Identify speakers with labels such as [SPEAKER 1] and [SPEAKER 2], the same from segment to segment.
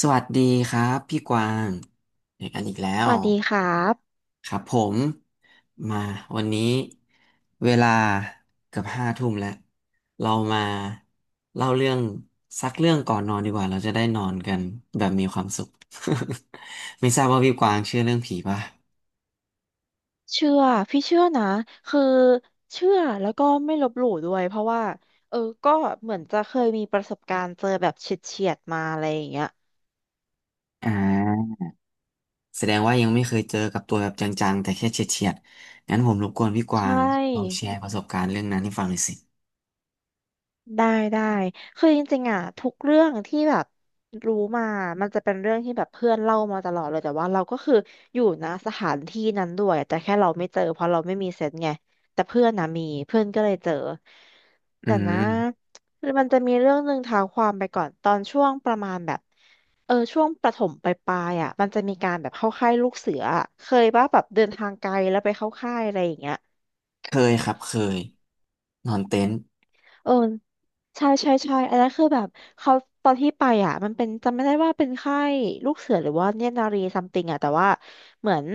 [SPEAKER 1] สวัสดีครับพี่กวางเจอกันอีกแล้
[SPEAKER 2] ส
[SPEAKER 1] ว
[SPEAKER 2] วัสดีครับ
[SPEAKER 1] ครับผม มาวันนี้เวลาเกือบห้าทุ่มแล้วเรามาเล่าเรื่องสักเรื่องก่อนนอนดีกว่าเราจะได้นอนกันแบบมีความสุข ไม่ทราบว่าพี่กวางเชื่อเรื่องผีป่ะ
[SPEAKER 2] เชื่อพี่เชื่อนะคือเชื่อแล้วก็ไม่ลบหลู่ด้วยเพราะว่าเออก็เหมือนจะเคยมีประสบการณ์เจอแบบเฉียดๆมาอะไรอย่างเงี้ย
[SPEAKER 1] อ่าแสดงว่ายังไม่เคยเจอกับตัวแบบจังๆแต่แค่เฉียดๆงั้นผมรบกวนพี่ก
[SPEAKER 2] ใช
[SPEAKER 1] วางลองแช
[SPEAKER 2] ่
[SPEAKER 1] ร์ประสบการณ์เรื่องนั้นให้ฟังหน่อยสิ
[SPEAKER 2] ได้ได้คือจริงๆอ่ะทุกเรื่องที่แบบรู้มามันจะเป็นเรื่องที่แบบเพื่อนเล่ามาตลอดเลยแต่ว่าเราก็คืออยู่นะสถานที่นั้นด้วยแต่แค่เราไม่เจอเพราะเราไม่มีเซนส์ไงแต่เพื่อนนะมีเพื่อนก็เลยเจอ
[SPEAKER 1] อื
[SPEAKER 2] แต่นะ
[SPEAKER 1] ม
[SPEAKER 2] มันจะมีเรื่องหนึ่งเท้าความไปก่อนตอนช่วงประมาณแบบช่วงประถมปลายๆอ่ะมันจะมีการแบบเข้าค่ายลูกเสืออะเคยป่ะแบบเดินทางไกลแล้วไปเข้าค่ายอะไรอย่างเงี้ย
[SPEAKER 1] เคยครับเคยนอนเต็นท์
[SPEAKER 2] เออใช่ใช่ใช่อันนั้นคือแบบเขาตอนที่ไปอ่ะมันเป็นจำไม่ได้ว่าเป็นค่ายลูกเสือหรือว่าเนตรนารีซัมติงอ่ะแต่ว่าเหมือน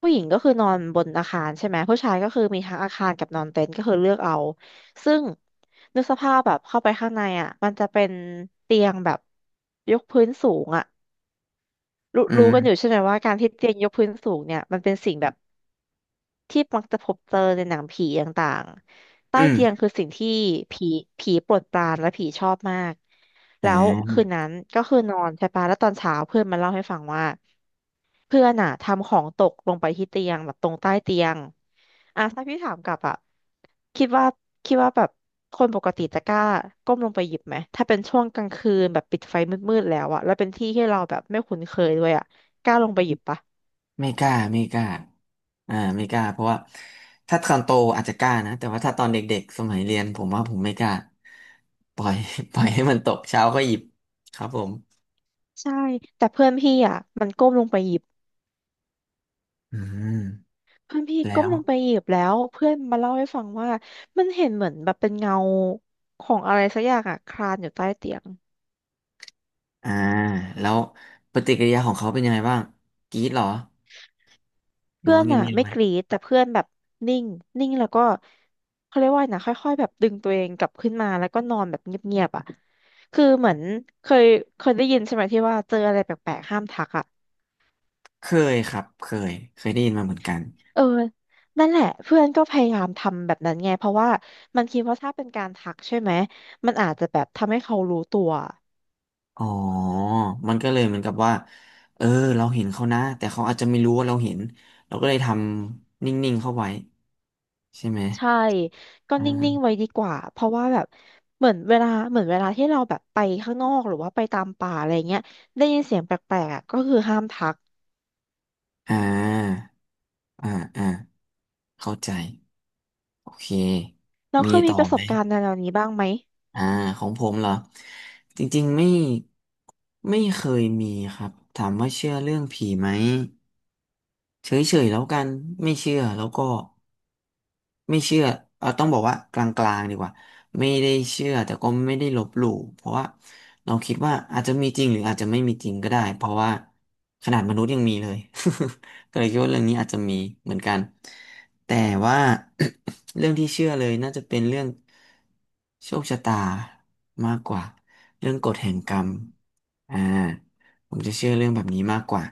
[SPEAKER 2] ผู้หญิงก็คือนอนบนอาคารใช่ไหมผู้ชายก็คือมีทั้งอาคารกับนอนเต็นท์ก็คือเลือกเอาซึ่งนึกสภาพแบบเข้าไปข้างในอ่ะมันจะเป็นเตียงแบบยกพื้นสูงอ่ะรู้กันอ
[SPEAKER 1] อื
[SPEAKER 2] ยู่ใช่ไหมว่าการที่เตียงยกพื้นสูงเนี่ยมันเป็นสิ่งแบบ ที่มักจะพบเจอในหนังผีต่างๆ ใต้
[SPEAKER 1] อื
[SPEAKER 2] เตียง
[SPEAKER 1] ม
[SPEAKER 2] คือสิ่งที่ผีผีโปรดปรานและผีชอบมาก
[SPEAKER 1] อ่
[SPEAKER 2] แล้ว
[SPEAKER 1] า
[SPEAKER 2] คืนนั้นก็คือนอนใช่ปะแล้วตอนเช้าเพื่อนมาเล่าให้ฟังว่าเพื่อนอ่ะทำของตกลงไปที่เตียงแบบตรงใต้เตียงอ่ะถ้าพี่ถามกลับอ่ะคิดว่าคิดว่าแบบคนปกติจะกล้าก้มลงไปหยิบไหมถ้าเป็นช่วงกลางคืนแบบปิดไฟมืดๆแล้วอะแล้วเป็นที่ที่เราแบบไม่คุ้นเคยด้วยอะกล้าลงไปหยิบปะ
[SPEAKER 1] ไม่กล้าไม่กล้าไม่กล้าเพราะว่าถ้าตอนโตอาจจะกล้านะแต่ว่าถ้าตอนเด็กๆสมัยเรียนผมว่าผมไม่กล้าปล่อย ปล่อยให้มันตกเช้าก็หยิบครับผม
[SPEAKER 2] ใช่แต่เพื่อนพี่อะมันก้มลงไปหยิบ
[SPEAKER 1] อืม
[SPEAKER 2] เพื่อนพี่
[SPEAKER 1] แล้
[SPEAKER 2] ก้ม
[SPEAKER 1] ว
[SPEAKER 2] ลงไปหยิบแล้วเพื่อนมาเล่าให้ฟังว่ามันเห็นเหมือนแบบเป็นเงาของอะไรสักอย่างอะคลานอยู่ใต้เตียง
[SPEAKER 1] อ่าแล้วปฏิกิริยาของเขาเป็นยังไงบ้างกรี๊ดเหรอหรือ
[SPEAKER 2] เพื่อ
[SPEAKER 1] ว่า
[SPEAKER 2] นอะ
[SPEAKER 1] เงียบๆ
[SPEAKER 2] ไม่
[SPEAKER 1] ไว้
[SPEAKER 2] กรีดแต่เพื่อนแบบนิ่งนิ่งแล้วก็เขาเรียกว่าไงนะค่อยๆแบบดึงตัวเองกลับขึ้นมาแล้วก็นอนแบบเงียบๆอะคือเหมือนเคยเคยได้ยินใช่ไหมที่ว่าเจออะไรแปลกๆห้ามทักอะ
[SPEAKER 1] เคยครับเคยเคยได้ยินมาเหมือนกัน
[SPEAKER 2] เออนั่นแหละเพื่อนก็พยายามทำแบบนั้นไงเพราะว่ามันคิดว่าถ้าเป็นการทักใช่ไหมมันอาจจะแบบทำให้เขารู้ตัว
[SPEAKER 1] อ๋อมันก็เลยเหมือนกับว่าเออเราเห็นเขานะ แต่เขาอาจจะไม่รู้ว่าเราเห็น เราก็เลยทำนิ่งๆเข้าไว้ใช่ไหม
[SPEAKER 2] ใช่ก็
[SPEAKER 1] อ
[SPEAKER 2] นิ่งๆ
[SPEAKER 1] ่า
[SPEAKER 2] ไว้ดีกว่าเพราะว่าแบบเหมือนเวลาเหมือนเวลาที่เราแบบไปข้างนอกหรือว่าไปตามป่าอะไรเงี้ยได้ยินเสียงแปลกๆอะก็คือห้ามทัก
[SPEAKER 1] อ่าอ่าอ่าเข้าใจโอเค
[SPEAKER 2] เรา
[SPEAKER 1] มี
[SPEAKER 2] เคยมี
[SPEAKER 1] ต่อ
[SPEAKER 2] ประส
[SPEAKER 1] ไหม
[SPEAKER 2] บการณ์ในแนวนี้บ้างไหม
[SPEAKER 1] อ่าของผมเหรอจริงๆไม่ไม่เคยมีครับถามว่าเชื่อเรื่องผีไหมเฉยๆแล้วกัน ไม่เชื่อแล้วก็ ไม่เชื่อเราต้องบอกว่ากลางๆดีกว่าไม่ได้เชื่อแต่ก็ไม่ได้ลบหลู่เพราะว่าเราคิดว่าอาจจะมีจริงหรืออาจจะไม่มีจริงก็ได้เพราะว่าขนาดมนุษย์ยังมีเลย ก็เลยคิดว่าเรื่องนี้อาจจะมีเหมือนกันแต่ว่า เรื่องที่เชื่อเลยน่าจะเป็นเรื่องโชคชะตามากกว่าเรื่องกฎแห่งกรรมอ่าผมจะเชื่อเรื่องแบบนี้มากกว่า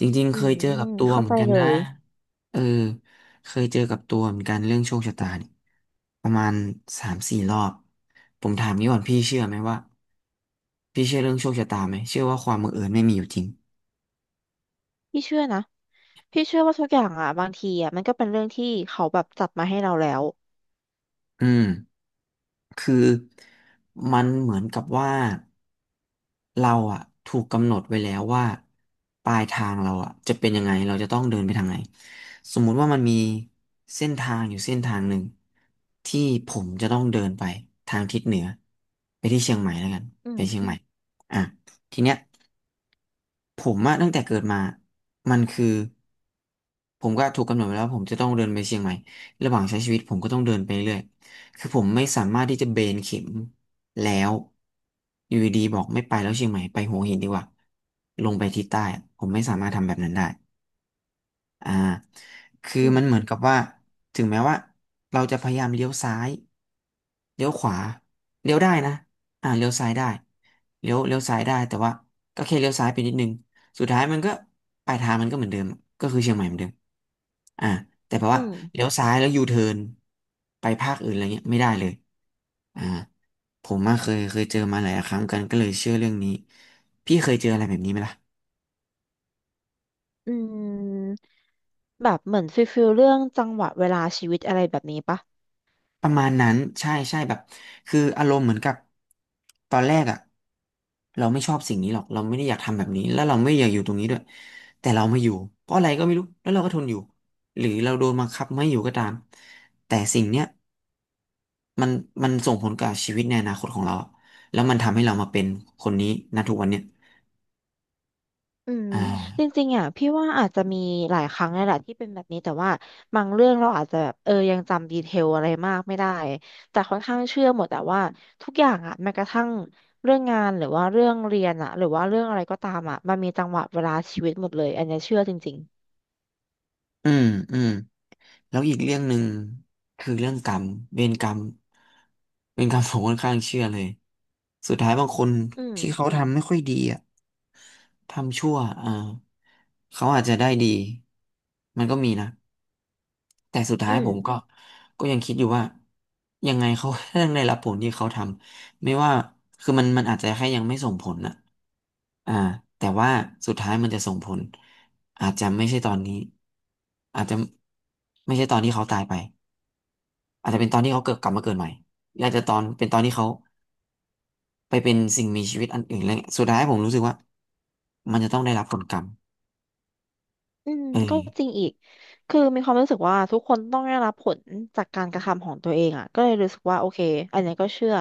[SPEAKER 1] จริงๆ
[SPEAKER 2] อื
[SPEAKER 1] เคย
[SPEAKER 2] ม
[SPEAKER 1] เจอกับตัว
[SPEAKER 2] เข้า
[SPEAKER 1] เหมือ
[SPEAKER 2] ใจ
[SPEAKER 1] นกัน
[SPEAKER 2] เล
[SPEAKER 1] นะ
[SPEAKER 2] ย
[SPEAKER 1] เออเคยเจอกับตัวเหมือนกันเรื่องโชคชะตาเนี่ยประมาณสามสี่รอบผมถามนี้ก่อนพี่เชื่อไหมว่าพี่เชื่อเรื่องโชคชะตาไหมเชื่อว่าความบังเอิญไม่มีอยู่จริง
[SPEAKER 2] พี่เชื่อนะพี่เชื่อว่าทุกอย่างอ่ะบางทีอ่ะมันก็เป็นเรื่องที่เขาแบบจัดมาให้เราแล้ว
[SPEAKER 1] อืม คือมันเหมือนกับว่าเราอะถูกกำหนดไว้แล้วว่าปลายทางเราอะจะเป็นยังไงเราจะต้องเดินไปทางไหนสมมุติว่ามันมีเส้นทางอยู่เส้นทางหนึ่งที่ผมจะต้องเดินไปทางทิศเหนือไปที่เชียงใหม่แล้วกัน
[SPEAKER 2] อื
[SPEAKER 1] ไป
[SPEAKER 2] ม
[SPEAKER 1] เชียงใหม่อ่ะทีเนี้ย ผมอะตั้งแต่เกิดมามันคือผมก็ถูกกำหนดไว้แล้วาผมจะต้องเดินไปเชียงใหม่ระหว่างใช้ชีวิตผมก็ต้องเดินไปเรื่อยคือผมไม่สามารถที่จะเบนเข็มแล้วอยู่ดีๆบอกไม่ไปแล้วเชียงใหม่ไปหัวหินดีกว่าลงไปทิศใต้อะผมไม่สามารถทำแบบนั้นได้ อ่าคือ
[SPEAKER 2] อืม
[SPEAKER 1] มันเหมือนกับว่าถึงแม้ว่าเราจะพยายามเลี้ยวซ้ายเลี้ยวขวาเลี้ยวได้นะเลี้ยวซ้ายได้เลี้ยวซ้ายได้แต่ว่าก็แค่เลี้ยวซ้ายไปนิดนึงสุดท้ายมันก็ปลายทางมันก็เหมือนเดิมก็คือเชียงใหม่เหมือนเดิมอ่าแต่แปล
[SPEAKER 2] อื
[SPEAKER 1] ว่า
[SPEAKER 2] ม
[SPEAKER 1] เลี้ยวซ้ายแล้วยูเทิร์นไปภาคอื่นอะไรเงี้ยไม่ได้เลยอ่าผมมาเคยเจอมาหลายครั้งกันก็เลยเชื่อเรื่องนี้พี่เคยเจออะไรแบบนี้ไหมล่ะ
[SPEAKER 2] อืมแบบเหมือนฟิลเรื่องจังหวะเวลาชีวิตอะไรแบบนี้ปะ
[SPEAKER 1] ประมาณนั้นใช่ใช่แบบคืออารมณ์เหมือนกับตอนแรกอ่ะเราไม่ชอบสิ่งนี้หรอกเราไม่ได้อยากทำแบบนี้แล้วเราไม่อยากอยู่ตรงนี้ด้วยแต่เรามาอยู่เพราะอะไรก็ไม่รู้แล้วเราก็ทนอยู่หรือเราโดนบังคับไม่อยู่ก็ตามแต่สิ่งเนี้ยมันมันส่งผลกับชีวิตในอนาคตของเราแล้วมันทำให้เรามาเป็นคนนี้ณทุกวันเนี้ย
[SPEAKER 2] อืม
[SPEAKER 1] อ่
[SPEAKER 2] จ
[SPEAKER 1] า
[SPEAKER 2] ริงๆอ่ะพี่ว่าอาจจะมีหลายครั้งเลยแหละที่เป็นแบบนี้แต่ว่าบางเรื่องเราอาจจะแบบยังจำดีเทลอะไรมากไม่ได้แต่ค่อนข้างเชื่อหมดแต่ว่าทุกอย่างอ่ะแม้กระทั่งเรื่องงานหรือว่าเรื่องเรียนอ่ะหรือว่าเรื่องอะไรก็ตามอ่ะมันมีจังหวะเวลาชีวิตหมดเลยอันเนี้ยเชื่อจริง
[SPEAKER 1] อืมอืม แล้วอีกเรื่องหนึ่งคือเรื่องกรรมเวรกรรมเวรกรรม ผมค่อนข้างเชื่อเลยสุดท้ายบางคน
[SPEAKER 2] ๆ
[SPEAKER 1] ที่เขาทำไม่ค่อยดีอ่ะทำชั่วอ่าเขาอาจจะได้ดีมันก็มีนะแต่สุดท้าย
[SPEAKER 2] อืม
[SPEAKER 1] ผมก็ยังคิดอยู่ว่ายังไงเขา ก็ต้องได้รับผลที่เขาทำไม่ว่าคือมันอาจจะแค่ยังไม่ส่งผลน่ะอ่าแต่ว่าสุดท้ายมันจะส่งผลอาจจะไม่ใช่ตอนนี้อาจจะไม่ใช่ตอนที่เขาตายไป อาจจะเป็นตอนที่เขาเกิดกลับมาเกิดใหม่หรืออาจจะตอนเป็นตอนที่เขาไปเป็นสิ่งมีชีวิตอันอื่นอะไรเงี้ยสุดท้ายผมรู้สึกว่ามันจะต้องได้รับผลกรรม
[SPEAKER 2] อืม
[SPEAKER 1] เออ
[SPEAKER 2] ก็จริงอีกคือมีความรู้สึกว่าทุกคนต้องได้รับผลจากการกระทำของตัวเองอ่ะก็เลยรู้สึกว่าโอเคอันนี้ก็เชื่อ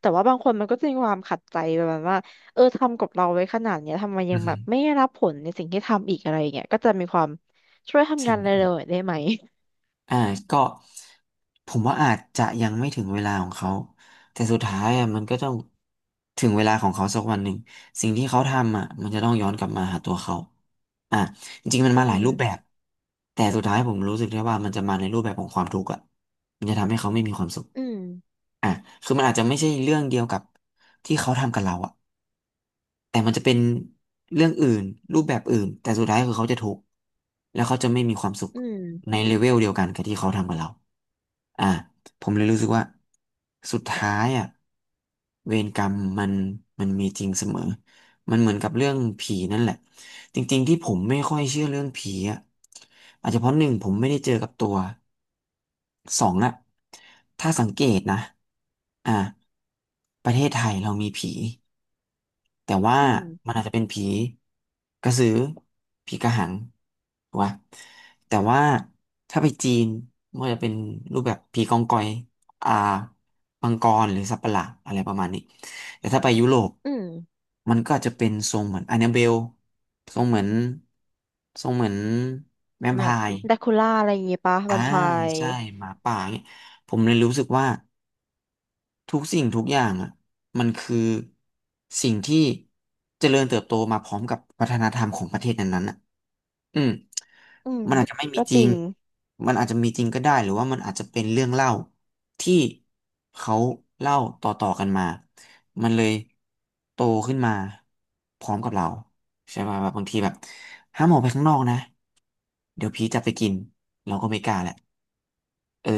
[SPEAKER 2] แต่ว่าบางคนมันก็จะมีความขัดใจประมาณว่าทำกับเราไว้ขนาดเนี้ยทำไมยั
[SPEAKER 1] อื
[SPEAKER 2] งแบบไม่
[SPEAKER 1] ม
[SPEAKER 2] ได้รับผลในสิ่งที่ทำอีกอะไรอย่างเงี้ยก็จะมีความช่วยทำ
[SPEAKER 1] ใช่
[SPEAKER 2] งาน
[SPEAKER 1] ไหมครั
[SPEAKER 2] เร็วๆหน่อ
[SPEAKER 1] บ
[SPEAKER 2] ยได้ไหม
[SPEAKER 1] อ่าก็ผมว่าอาจจะยังไม่ถึงเวลาของเขาแต่สุดท้ายอ่ะมันก็ต้องถึงเวลาของเขาสักวันหนึ่งสิ่งที่เขาทำอ่ะมันจะต้องย้อนกลับมาหาตัวเขาอ่ะจริงๆมัน
[SPEAKER 2] อื
[SPEAKER 1] มาหลาย
[SPEAKER 2] ม
[SPEAKER 1] รูปแบบแต่สุดท้ายผมรู้สึกได้ว่ามันจะมาในรูปแบบของความทุกข์อ่ะมันจะทำให้เขาไม่มีความสุข
[SPEAKER 2] อืม
[SPEAKER 1] อ่ะคือมันอาจจะไม่ใช่เรื่องเดียวกับที่เขาทำกับเราอะแต่มันจะเป็นเรื่องอื่นรูปแบบอื่นแต่สุดท้ายคือเขาจะทุกข์แล้วเขาจะไม่มีความสุข
[SPEAKER 2] อืม
[SPEAKER 1] ในเลเวลเดียวกันกับที่เขาทำกับเราอ่ะผมเลยรู้สึกว่าสุดท้ายอะเวรกรรมมันมีจริงเสมอ มันเหมือนกับเรื่องผีนั่นแหละจริงๆที่ผมไม่ค่อยเชื่อเรื่องผีอ่ะอาจจะเพราะหนึ่งผมไม่ได้เจอกับตัวสองอะถ้าสังเกตนะอ่าประเทศไทยเรามีผีแต่ว่า
[SPEAKER 2] อืม
[SPEAKER 1] มันอาจจะเป็นผีกระสือผีกระหังถูกปะแต่ว่าถ้าไปจีนมันก็จะเป็นรูปแบบผีกองกอยอ่า มังกรหรือสัตว์ประหลาดอะไรประมาณนี้แต่ถ้าไปยุโรป
[SPEAKER 2] อืม
[SPEAKER 1] มันก็จะเป็นทรงเหมือนอัน a b เบลทรงเหมือนทรงเหมือนแวม
[SPEAKER 2] แบ
[SPEAKER 1] ไพ
[SPEAKER 2] บ
[SPEAKER 1] ร์
[SPEAKER 2] แดคูล่าอะไรอย่างเงี้ยปะแว
[SPEAKER 1] อ่า
[SPEAKER 2] มไพร์
[SPEAKER 1] ใช่หมาป่าเนี่ยผมเลยรู้สึกว่าทุกสิ่งทุกอย่างอ่ะมันคือสิ่งที่เจริญเติบโตมาพร้อมกับวัฒนธรรมของประเทศนั้นๆอะ อืม
[SPEAKER 2] อืม
[SPEAKER 1] มันอาจจะไม่มี
[SPEAKER 2] ก็
[SPEAKER 1] จ
[SPEAKER 2] จ
[SPEAKER 1] ริ
[SPEAKER 2] ริ
[SPEAKER 1] ง
[SPEAKER 2] ง
[SPEAKER 1] มันอาจจะมีจริงก็ได้หรือว่ามันอาจจะเป็นเรื่องเล่าที่เขาเล่าต่อๆกันมา มันเลยโตขึ้นมาพร้อมกับเราใช่ป่ะแบบบางทีแบบห้ามออกไปข้างนอกนะเดี๋ยวผีจับไปกินเราก็ไม่กล้าแหละเออ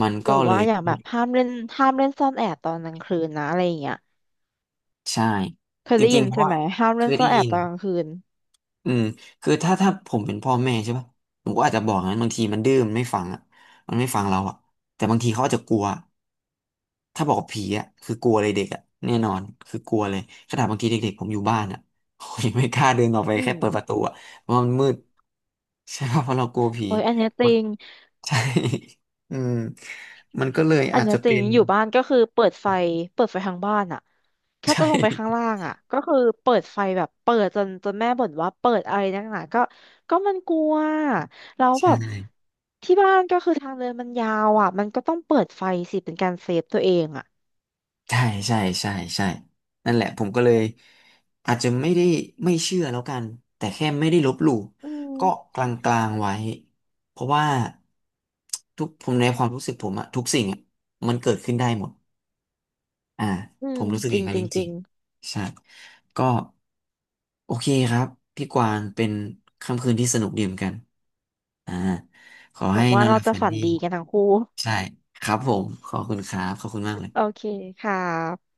[SPEAKER 1] มัน
[SPEAKER 2] ห
[SPEAKER 1] ก็
[SPEAKER 2] รือ
[SPEAKER 1] เล
[SPEAKER 2] ว่า
[SPEAKER 1] ย
[SPEAKER 2] อย่างแบบห้ามเล่นซ่อนแอบตอนกลางคืนนะอะไรอย่างเงี้ย
[SPEAKER 1] ใช่
[SPEAKER 2] เคย
[SPEAKER 1] จ
[SPEAKER 2] ได้
[SPEAKER 1] ริ
[SPEAKER 2] ยิ
[SPEAKER 1] ง
[SPEAKER 2] น
[SPEAKER 1] ๆเพราะ
[SPEAKER 2] ใช่
[SPEAKER 1] ว่า
[SPEAKER 2] ไหมห้าม
[SPEAKER 1] เค
[SPEAKER 2] เล่น
[SPEAKER 1] ย
[SPEAKER 2] ซ่อ
[SPEAKER 1] ได้
[SPEAKER 2] นแอ
[SPEAKER 1] ยิ
[SPEAKER 2] บ
[SPEAKER 1] น
[SPEAKER 2] ตอนกลางคืน
[SPEAKER 1] อืมคือถ้าผมเป็นพ่อแม่ใช่ปะผมก็อาจจะบอกงั้นบางทีมันดื้อมันไม่ฟังอ่ะมันไม่ฟังเราอ่ะแต่บางทีเขาอาจจะกลัวถ้าบอกว่าผีอ่ะคือกลัวเลยเด็กอ่ะแน่นอนคือกลัวเลยขนาดบางทีเด็กๆผมอยู่บ้านอ่ะผมยังไม่กล้าเดินออกไป
[SPEAKER 2] อื
[SPEAKER 1] แค่
[SPEAKER 2] ม
[SPEAKER 1] เปิดประตูอ่ะเพราะมันมืดใช่ปะเพราะเรากลัวผี
[SPEAKER 2] โอ้ยอันเนี้ยจ
[SPEAKER 1] มั
[SPEAKER 2] ริ
[SPEAKER 1] น
[SPEAKER 2] ง
[SPEAKER 1] ใช่ อืมมันก็เลย
[SPEAKER 2] อัน
[SPEAKER 1] อาจ
[SPEAKER 2] เนี้ย
[SPEAKER 1] จะ
[SPEAKER 2] จริ
[SPEAKER 1] เป็
[SPEAKER 2] ง
[SPEAKER 1] น
[SPEAKER 2] อยู่บ้านก็คือเปิดไฟทางบ้านอะ แค่
[SPEAKER 1] ใช่
[SPEAKER 2] จะลงไปข้างล่างอะก็คือเปิดไฟแบบเปิดจนแม่บ่นว่าเปิดอะไรนักหนาก็มันกลัวแล้วแบ
[SPEAKER 1] ใช่
[SPEAKER 2] บที่บ้านก็คือทางเดินมันยาวอะมันก็ต้องเปิดไฟสิเป็นการเซฟตัวเองอะ
[SPEAKER 1] ใช่ใช่ใช่ใช่นั่นแหละผมก็เลยอาจจะไม่ได้ไม่เชื่อแล้วกันแต่แค่ไม่ได้ลบหลู่
[SPEAKER 2] อื
[SPEAKER 1] ก็
[SPEAKER 2] ม
[SPEAKER 1] กลางๆไว้เพราะว่าทุกผมในความรู้สึกผมอะทุกสิ่งอะมันเกิดขึ้นได้หมดอ่า
[SPEAKER 2] อื
[SPEAKER 1] ผ
[SPEAKER 2] ม
[SPEAKER 1] มรู้สึก
[SPEAKER 2] จ
[SPEAKER 1] อ
[SPEAKER 2] ริ
[SPEAKER 1] ย่าง
[SPEAKER 2] ง
[SPEAKER 1] นั้น
[SPEAKER 2] จ
[SPEAKER 1] จ
[SPEAKER 2] ริงจ
[SPEAKER 1] ริ
[SPEAKER 2] ริ
[SPEAKER 1] ง
[SPEAKER 2] ง
[SPEAKER 1] ๆใช่ก็โอเคครับพี่กวางเป็นค่ำคืนที่สนุกดีเหมือนกันอ่าขอ
[SPEAKER 2] หวั
[SPEAKER 1] ให้
[SPEAKER 2] ง
[SPEAKER 1] น
[SPEAKER 2] ว่า
[SPEAKER 1] อนห
[SPEAKER 2] เรา
[SPEAKER 1] ลับ
[SPEAKER 2] จะ
[SPEAKER 1] ฝัน
[SPEAKER 2] ฝัน
[SPEAKER 1] ดี
[SPEAKER 2] ดีกันทั้งคู่
[SPEAKER 1] ใช่ครับผมขอบคุณครับขอบคุณมากเลย
[SPEAKER 2] โอเคค่ะ